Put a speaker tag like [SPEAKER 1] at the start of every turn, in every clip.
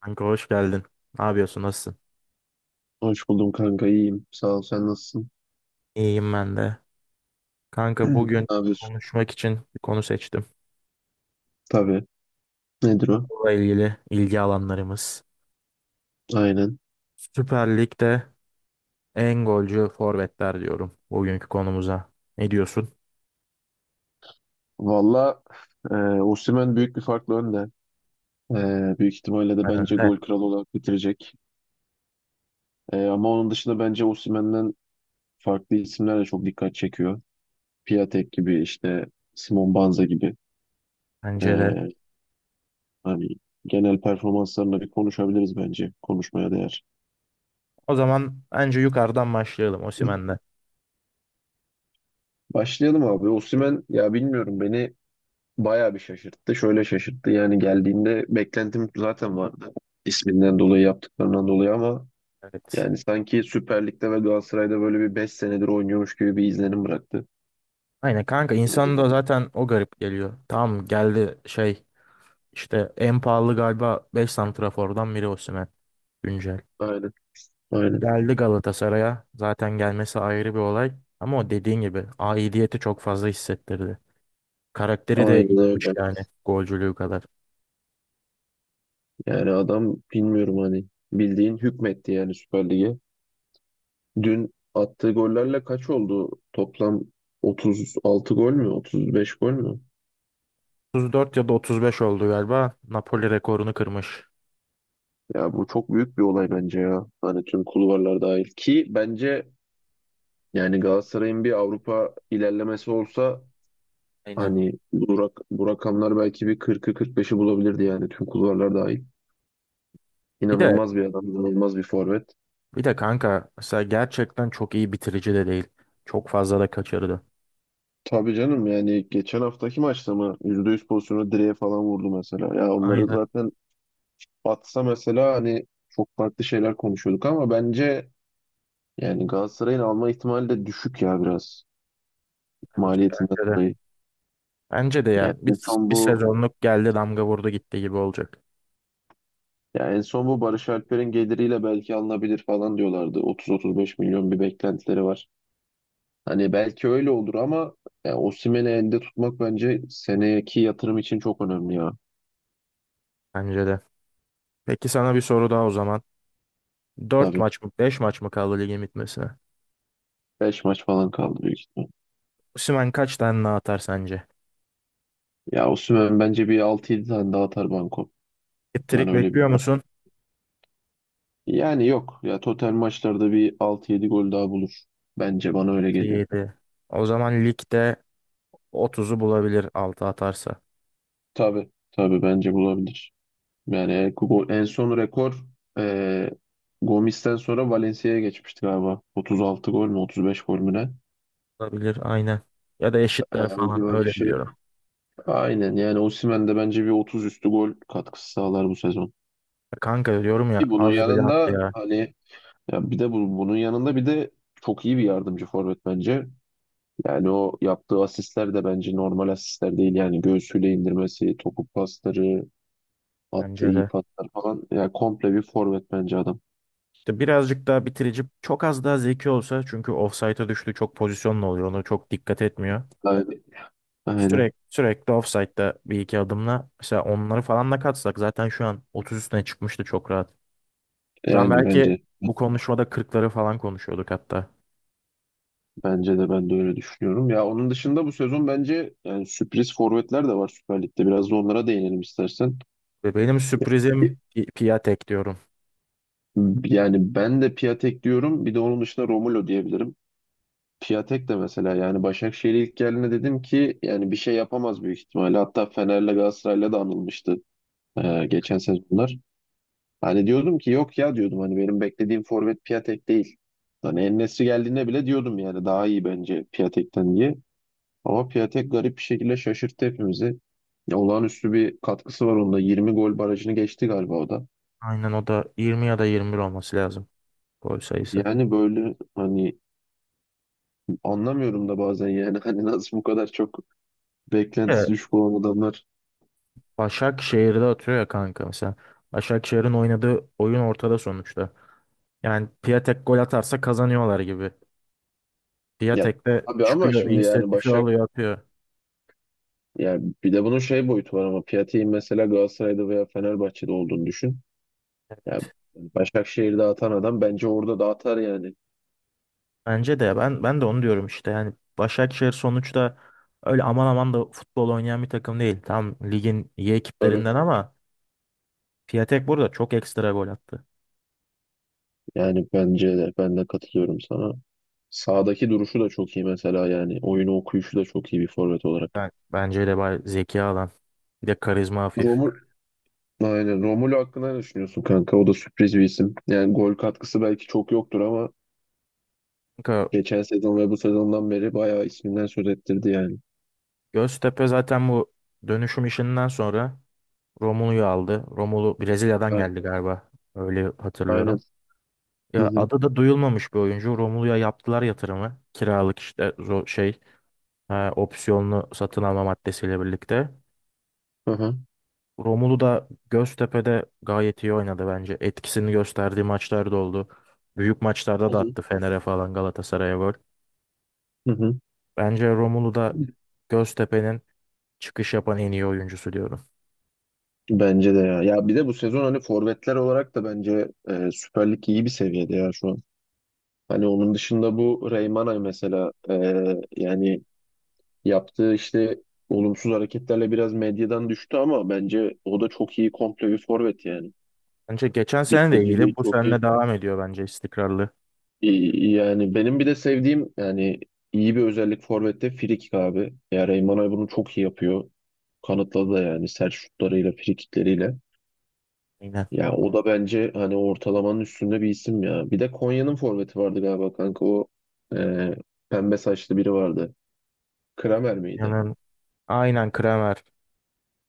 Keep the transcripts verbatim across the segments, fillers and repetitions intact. [SPEAKER 1] Kanka hoş geldin. Ne yapıyorsun? Nasılsın?
[SPEAKER 2] Hoş buldum kanka, iyiyim. Sağ ol, sen nasılsın?
[SPEAKER 1] İyiyim ben de. Kanka bugün
[SPEAKER 2] Ne yapıyorsun?
[SPEAKER 1] konuşmak için bir konu seçtim.
[SPEAKER 2] Tabii. Nedir o?
[SPEAKER 1] Bununla ilgili ilgi alanlarımız.
[SPEAKER 2] Aynen.
[SPEAKER 1] Süper Lig'de en golcü forvetler diyorum bugünkü konumuza. Ne diyorsun?
[SPEAKER 2] Valla, e, Osimhen büyük bir farkla önde. E, büyük ihtimalle de
[SPEAKER 1] Ben
[SPEAKER 2] bence
[SPEAKER 1] önde.
[SPEAKER 2] gol kralı olarak bitirecek. E, ama onun dışında bence Osimhen'den farklı isimler de çok dikkat çekiyor. Piatek gibi işte, Simon Banza gibi.
[SPEAKER 1] Bence de.
[SPEAKER 2] E, Hani genel performanslarına bir konuşabiliriz bence. Konuşmaya değer.
[SPEAKER 1] O zaman bence yukarıdan başlayalım Osimhen'le.
[SPEAKER 2] Başlayalım abi. Osimhen, ya bilmiyorum, beni bayağı bir şaşırttı. Şöyle şaşırttı. Yani geldiğinde beklentim zaten vardı. İsminden dolayı, yaptıklarından dolayı, ama
[SPEAKER 1] Evet.
[SPEAKER 2] yani sanki Süper Lig'de ve Galatasaray'da böyle bir beş senedir oynuyormuş gibi bir izlenim bıraktı.
[SPEAKER 1] Aynen kanka, insan
[SPEAKER 2] Yani,
[SPEAKER 1] da zaten o garip geliyor. Tamam geldi şey işte en pahalı galiba beş santrafordan biri Osimhen. Güncel.
[SPEAKER 2] aynen, aynen.
[SPEAKER 1] Geldi Galatasaray'a. Zaten gelmesi ayrı bir olay. Ama o dediğin gibi aidiyeti çok fazla hissettirdi. Karakteri de
[SPEAKER 2] Aynen
[SPEAKER 1] iyiymiş,
[SPEAKER 2] öyle.
[SPEAKER 1] yani golcülüğü kadar.
[SPEAKER 2] Yani adam, bilmiyorum, hani bildiğin hükmetti yani Süper Lig'e. Dün attığı gollerle kaç oldu? Toplam otuz altı gol mü? otuz beş gol mü?
[SPEAKER 1] otuz dört ya da otuz beş oldu galiba. Napoli rekorunu kırmış.
[SPEAKER 2] Ya bu çok büyük bir olay bence ya. Hani tüm kulvarlar dahil ki bence yani Galatasaray'ın bir Avrupa ilerlemesi olsa,
[SPEAKER 1] Aynen.
[SPEAKER 2] hani bu, rak- bu rakamlar belki bir kırkı, kırk beşi bulabilirdi yani tüm kulvarlar dahil.
[SPEAKER 1] Bir de
[SPEAKER 2] İnanılmaz bir adam, inanılmaz bir forvet.
[SPEAKER 1] bir de kanka mesela gerçekten çok iyi bitirici de değil. Çok fazla da kaçırdı.
[SPEAKER 2] Tabii canım, yani geçen haftaki maçta mı yüzde yüz pozisyonu direğe falan vurdu mesela. Ya onları
[SPEAKER 1] Aynen
[SPEAKER 2] zaten atsa mesela, hani çok farklı şeyler konuşuyorduk ama bence yani Galatasaray'ın alma ihtimali de düşük ya, biraz
[SPEAKER 1] bence,
[SPEAKER 2] maliyetinden
[SPEAKER 1] bence de.
[SPEAKER 2] dolayı.
[SPEAKER 1] Bence de ya
[SPEAKER 2] Yani en
[SPEAKER 1] bir,
[SPEAKER 2] son
[SPEAKER 1] bir
[SPEAKER 2] bu
[SPEAKER 1] sezonluk geldi, damga vurdu gitti gibi olacak.
[SPEAKER 2] Ya en son bu Barış Alper'in geliriyle belki alınabilir falan diyorlardı. otuz otuz beş milyon bir beklentileri var. Hani belki öyle olur ama, ya Osimhen'i elde tutmak bence seneki yatırım için çok önemli ya.
[SPEAKER 1] Bence de. Peki sana bir soru daha o zaman. Dört
[SPEAKER 2] Tabii,
[SPEAKER 1] maç mı beş maç mı kaldı ligin bitmesine?
[SPEAKER 2] beş maç falan kaldı büyük ihtimal.
[SPEAKER 1] Osimhen kaç tane daha atar sence?
[SPEAKER 2] Ya Osimhen bence bir altı yedi tane daha atar banko. Ben
[SPEAKER 1] Hat
[SPEAKER 2] öyle bir
[SPEAKER 1] bekliyor musun?
[SPEAKER 2] Yani yok ya, total maçlarda bir altı yedi gol daha bulur. Bence bana öyle
[SPEAKER 1] Altı
[SPEAKER 2] geliyor.
[SPEAKER 1] yedi. O zaman ligde otuzu bulabilir altı atarsa.
[SPEAKER 2] Tabii tabii, bence bulabilir. Yani Kugo- en son rekor e, Gomis'ten sonra Valencia'ya geçmişti galiba. otuz altı gol mü, otuz beş gol mü ne?
[SPEAKER 1] Bulabilir aynen. Ya da
[SPEAKER 2] E,
[SPEAKER 1] eşitler
[SPEAKER 2] o
[SPEAKER 1] falan,
[SPEAKER 2] civar bir
[SPEAKER 1] öyle
[SPEAKER 2] şey.
[SPEAKER 1] biliyorum.
[SPEAKER 2] Aynen, yani Osimhen de bence bir otuz üstü gol katkısı sağlar bu sezon.
[SPEAKER 1] Kanka diyorum ya,
[SPEAKER 2] Bir bunun
[SPEAKER 1] az bile attı
[SPEAKER 2] yanında
[SPEAKER 1] ya.
[SPEAKER 2] hani, ya bir de bu, bunun yanında bir de çok iyi bir yardımcı forvet bence. Yani o yaptığı asistler de bence normal asistler değil. Yani göğsüyle indirmesi, topu pasları,
[SPEAKER 1] Bence
[SPEAKER 2] attığı iyi
[SPEAKER 1] de.
[SPEAKER 2] paslar falan. Yani komple bir forvet bence adam.
[SPEAKER 1] İşte birazcık daha bitirici, çok az daha zeki olsa, çünkü ofsayta düştü çok pozisyonla, oluyor onu çok dikkat etmiyor.
[SPEAKER 2] Aynen. Aynen.
[SPEAKER 1] Sürekli sürekli ofsaytta bir iki adımla, mesela onları falan da katsak zaten şu an otuz üstüne çıkmıştı çok rahat. Şu an
[SPEAKER 2] Yani
[SPEAKER 1] belki
[SPEAKER 2] bence.
[SPEAKER 1] bu konuşmada kırkları falan konuşuyorduk hatta.
[SPEAKER 2] Bence de, ben de öyle düşünüyorum. Ya onun dışında bu sezon bence yani sürpriz forvetler de var Süper Lig'de. Biraz da onlara değinelim istersen.
[SPEAKER 1] Ve benim sürprizim Pi- Piatek diyorum.
[SPEAKER 2] Yani ben de Piatek diyorum. Bir de onun dışında Romulo diyebilirim. Piatek de mesela, yani Başakşehir'e ilk geldiğinde dedim ki yani bir şey yapamaz büyük ihtimalle. Hatta Fener'le, Galatasaray'la da anılmıştı e, geçen sezonlar. Hani diyordum ki yok ya, diyordum hani benim beklediğim forvet Piatek değil. Hani En-Nesyri geldiğinde bile diyordum yani daha iyi bence Piatek'ten diye. Ama Piatek garip bir şekilde şaşırttı hepimizi. Ya olağanüstü bir katkısı var onda. yirmi gol barajını geçti galiba o da.
[SPEAKER 1] Aynen, o da yirmi ya da yirmi bir olması lazım gol sayısı.
[SPEAKER 2] Yani böyle hani, anlamıyorum da bazen yani hani nasıl bu kadar çok
[SPEAKER 1] Bir de
[SPEAKER 2] beklentisi düşük olan adamlar.
[SPEAKER 1] Başakşehir'de atıyor ya kanka mesela. Başakşehir'in oynadığı oyun ortada sonuçta. Yani Piatek gol atarsa kazanıyorlar gibi.
[SPEAKER 2] Ya
[SPEAKER 1] Piatek de
[SPEAKER 2] abi, ama
[SPEAKER 1] çıkıyor,
[SPEAKER 2] şimdi yani
[SPEAKER 1] inisiyatifi
[SPEAKER 2] Başak
[SPEAKER 1] alıyor, atıyor.
[SPEAKER 2] ya, bir de bunun şey boyutu var ama Piatek'in mesela Galatasaray'da veya Fenerbahçe'de olduğunu düşün. Ya
[SPEAKER 1] Evet.
[SPEAKER 2] Başakşehir'de atan adam bence orada da atar yani.
[SPEAKER 1] Bence de, ben ben de onu diyorum işte. Yani Başakşehir sonuçta öyle aman aman da futbol oynayan bir takım değil. Tam ligin iyi
[SPEAKER 2] Tabii.
[SPEAKER 1] ekiplerinden, ama Piatek burada çok ekstra gol attı.
[SPEAKER 2] Yani bence de, ben de katılıyorum sana. Sağdaki duruşu da çok iyi mesela yani. Oyunu okuyuşu da çok iyi bir forvet olarak.
[SPEAKER 1] Ben, bence de bay zeki alan. Bir de karizma hafif.
[SPEAKER 2] Romu Aynen. Romulo hakkında ne düşünüyorsun kanka? O da sürpriz bir isim. Yani gol katkısı belki çok yoktur ama
[SPEAKER 1] Kanka,
[SPEAKER 2] geçen sezon ve bu sezondan beri bayağı isminden söz ettirdi yani.
[SPEAKER 1] Göztepe zaten bu dönüşüm işinden sonra Romulu'yu aldı. Romulu Brezilya'dan
[SPEAKER 2] A-
[SPEAKER 1] geldi galiba. Öyle
[SPEAKER 2] Aynen.
[SPEAKER 1] hatırlıyorum.
[SPEAKER 2] Hı
[SPEAKER 1] Ya
[SPEAKER 2] hı.
[SPEAKER 1] adı da duyulmamış bir oyuncu. Romulu'ya yaptılar yatırımı. Kiralık işte zo- şey ha, opsiyonlu satın alma maddesiyle birlikte.
[SPEAKER 2] Hı hı.
[SPEAKER 1] Romulu da Göztepe'de gayet iyi oynadı bence. Etkisini gösterdiği maçlar da oldu. Büyük maçlarda
[SPEAKER 2] Hı
[SPEAKER 1] da
[SPEAKER 2] hı.
[SPEAKER 1] attı, Fener'e falan Galatasaray'a gol.
[SPEAKER 2] Hı hı.
[SPEAKER 1] Bence Romulu da Göztepe'nin çıkış yapan en iyi oyuncusu diyorum.
[SPEAKER 2] Bence de ya. Ya bir de bu sezon hani forvetler olarak da bence e, Süper Lig iyi bir seviyede ya şu an. Hani onun dışında bu Reymana mesela, e, yani yaptığı işte olumsuz hareketlerle biraz medyadan düştü ama bence o da çok iyi komple bir forvet yani.
[SPEAKER 1] Bence geçen sene de
[SPEAKER 2] Bitiriciliği
[SPEAKER 1] iyiydi. Bu
[SPEAKER 2] çok
[SPEAKER 1] sene
[SPEAKER 2] iyi.
[SPEAKER 1] de devam ediyor bence, istikrarlı.
[SPEAKER 2] İyi- Yani benim bir de sevdiğim yani iyi bir özellik forvette, frikik abi. Ya Reymana bunu çok iyi yapıyor. Kanıtladı da yani sert şutlarıyla, frikikleriyle.
[SPEAKER 1] Yine.
[SPEAKER 2] Ya o da bence hani ortalamanın üstünde bir isim ya. Bir de Konya'nın forveti vardı galiba kanka, o e, pembe saçlı biri vardı. Kramer miydi?
[SPEAKER 1] Yani aynen Kramer.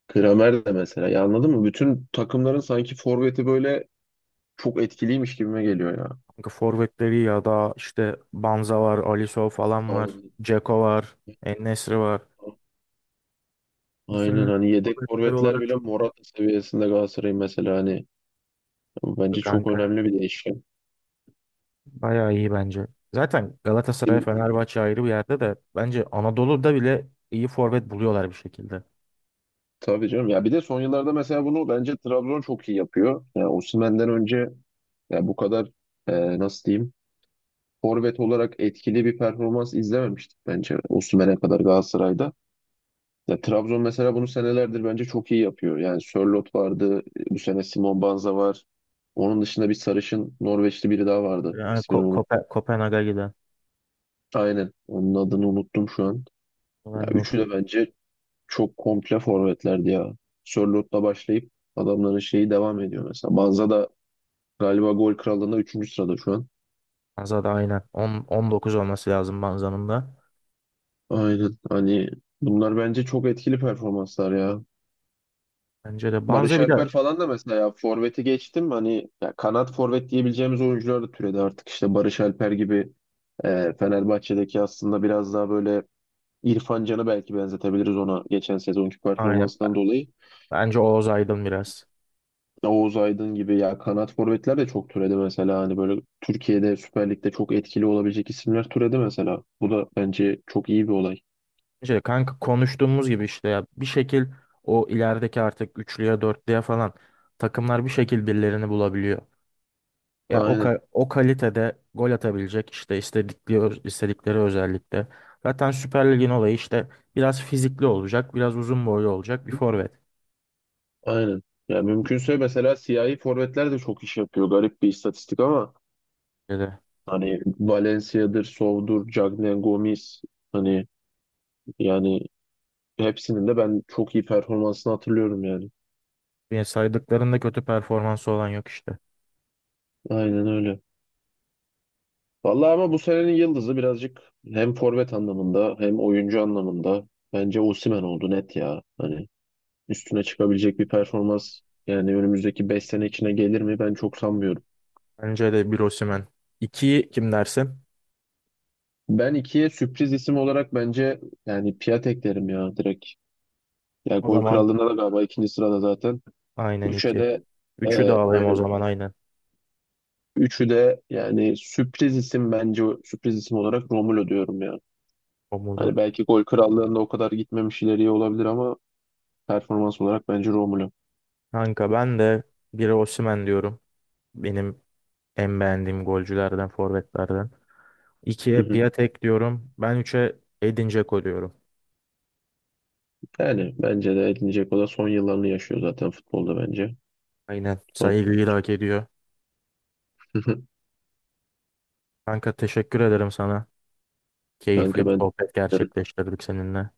[SPEAKER 2] Kramer de mesela. Ya anladın mı? Bütün takımların sanki forveti böyle çok etkiliymiş gibime geliyor ya.
[SPEAKER 1] Kanka forvetleri, ya da işte Banza var, Alisson falan var.
[SPEAKER 2] Anladım.
[SPEAKER 1] Dzeko var. En var. Bu sene
[SPEAKER 2] Aynen, hani yedek
[SPEAKER 1] forvetler
[SPEAKER 2] forvetler
[SPEAKER 1] olarak
[SPEAKER 2] bile
[SPEAKER 1] çok
[SPEAKER 2] Morata seviyesinde Galatasaray'ın mesela, hani bu
[SPEAKER 1] iyi
[SPEAKER 2] bence çok
[SPEAKER 1] kanka.
[SPEAKER 2] önemli bir değişken.
[SPEAKER 1] Bayağı iyi bence. Zaten Galatasaray,
[SPEAKER 2] Bizim-
[SPEAKER 1] Fenerbahçe ayrı bir yerde, de bence Anadolu'da bile iyi forvet buluyorlar bir şekilde.
[SPEAKER 2] Tabii canım. Ya bir de son yıllarda mesela bunu bence Trabzon çok iyi yapıyor. Yani Osimhen'den önce ya bu kadar e, nasıl diyeyim, forvet olarak etkili bir performans izlememiştik bence Osimhen'e kadar Galatasaray'da. Ya Trabzon mesela bunu senelerdir bence çok iyi yapıyor. Yani Sörloth vardı, bu sene Simon Banza var. Onun dışında bir sarışın Norveçli biri daha vardı.
[SPEAKER 1] Yani
[SPEAKER 2] İsmini
[SPEAKER 1] Ko-
[SPEAKER 2] unuttum.
[SPEAKER 1] Kope- Kopenhag'a giden.
[SPEAKER 2] Aynen. Onun adını unuttum şu an.
[SPEAKER 1] Ben
[SPEAKER 2] Ya
[SPEAKER 1] de
[SPEAKER 2] üçü
[SPEAKER 1] unuttum.
[SPEAKER 2] de bence çok komple forvetlerdi ya. Sörloth'la başlayıp adamların şeyi devam ediyor mesela. Banza da galiba gol krallığında üçüncü sırada şu an.
[SPEAKER 1] Banza'da aynen. on, on dokuz olması lazım Banza'nın da.
[SPEAKER 2] Aynen. Hani bunlar bence çok etkili performanslar ya.
[SPEAKER 1] Bence de Banza
[SPEAKER 2] Barış
[SPEAKER 1] bir de
[SPEAKER 2] Alper falan da mesela, ya forveti geçtim hani, ya kanat forvet diyebileceğimiz oyuncular da türedi artık işte Barış Alper gibi, e, Fenerbahçe'deki aslında biraz daha böyle İrfan Can'ı belki benzetebiliriz ona, geçen sezonki
[SPEAKER 1] aynen.
[SPEAKER 2] performansından dolayı.
[SPEAKER 1] Bence Oğuz Aydın biraz.
[SPEAKER 2] Oğuz Aydın gibi ya kanat forvetler de çok türedi mesela, hani böyle Türkiye'de Süper Lig'de çok etkili olabilecek isimler türedi mesela. Bu da bence çok iyi bir olay.
[SPEAKER 1] Bence de kanka, konuştuğumuz gibi işte, ya bir şekil o ilerideki artık üçlüye dörtlüye falan takımlar bir şekil birilerini bulabiliyor. Ya o,
[SPEAKER 2] Aynen,
[SPEAKER 1] ka- o kalitede gol atabilecek işte istedikleri, istedikleri özellikle. Zaten Süper Lig'in olayı işte biraz fizikli olacak, biraz uzun boylu olacak bir forvet.
[SPEAKER 2] aynen. Ya mümkünse mesela siyahi forvetler de çok iş yapıyor. Garip bir istatistik ama
[SPEAKER 1] Bence de.
[SPEAKER 2] hani Valencia'dır, Sow'dur, Cagnen Gomis, hani yani hepsinin de ben çok iyi performansını hatırlıyorum yani.
[SPEAKER 1] Yani saydıklarında kötü performansı olan yok işte.
[SPEAKER 2] Aynen öyle. Vallahi, ama bu senenin yıldızı birazcık hem forvet anlamında hem oyuncu anlamında bence Osimhen oldu, net ya. Hani üstüne çıkabilecek bir performans, yani önümüzdeki beş sene içine gelir mi, ben çok sanmıyorum.
[SPEAKER 1] Bence de bir Osimhen. İkiyi kim dersin?
[SPEAKER 2] Ben ikiye sürpriz isim olarak bence yani Piatek derim ya direkt. Ya
[SPEAKER 1] O
[SPEAKER 2] gol
[SPEAKER 1] zaman
[SPEAKER 2] krallığında da galiba ikinci sırada zaten.
[SPEAKER 1] aynen
[SPEAKER 2] Üçe
[SPEAKER 1] iki.
[SPEAKER 2] de
[SPEAKER 1] Üçü de
[SPEAKER 2] e,
[SPEAKER 1] alayım o
[SPEAKER 2] aynen.
[SPEAKER 1] zaman aynen.
[SPEAKER 2] Üçü de yani sürpriz isim, bence sürpriz isim olarak Romulo diyorum ya.
[SPEAKER 1] Omuz'u.
[SPEAKER 2] Hani belki gol krallığında o kadar gitmemiş ileriye olabilir ama performans olarak bence Romulo.
[SPEAKER 1] Kanka ben de biri Osimhen diyorum. Benim en beğendiğim golcülerden, forvetlerden.
[SPEAKER 2] Hı
[SPEAKER 1] İkiye
[SPEAKER 2] hı.
[SPEAKER 1] Piatek diyorum. Ben üçe Edin Dzeko diyorum.
[SPEAKER 2] Yani bence de edinecek, o da son yıllarını yaşıyor zaten futbolda bence.
[SPEAKER 1] Aynen.
[SPEAKER 2] Son-
[SPEAKER 1] Saygıyı da hak ediyor. Kanka teşekkür ederim sana.
[SPEAKER 2] Kanka,
[SPEAKER 1] Keyifli bir
[SPEAKER 2] ben
[SPEAKER 1] sohbet gerçekleştirdik seninle.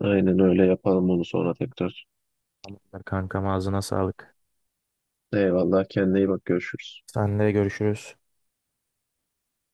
[SPEAKER 2] aynen öyle yapalım bunu sonra tekrar.
[SPEAKER 1] Tamamdır kankam, ağzına sağlık.
[SPEAKER 2] Eyvallah, kendine iyi bak, görüşürüz.
[SPEAKER 1] Senle görüşürüz.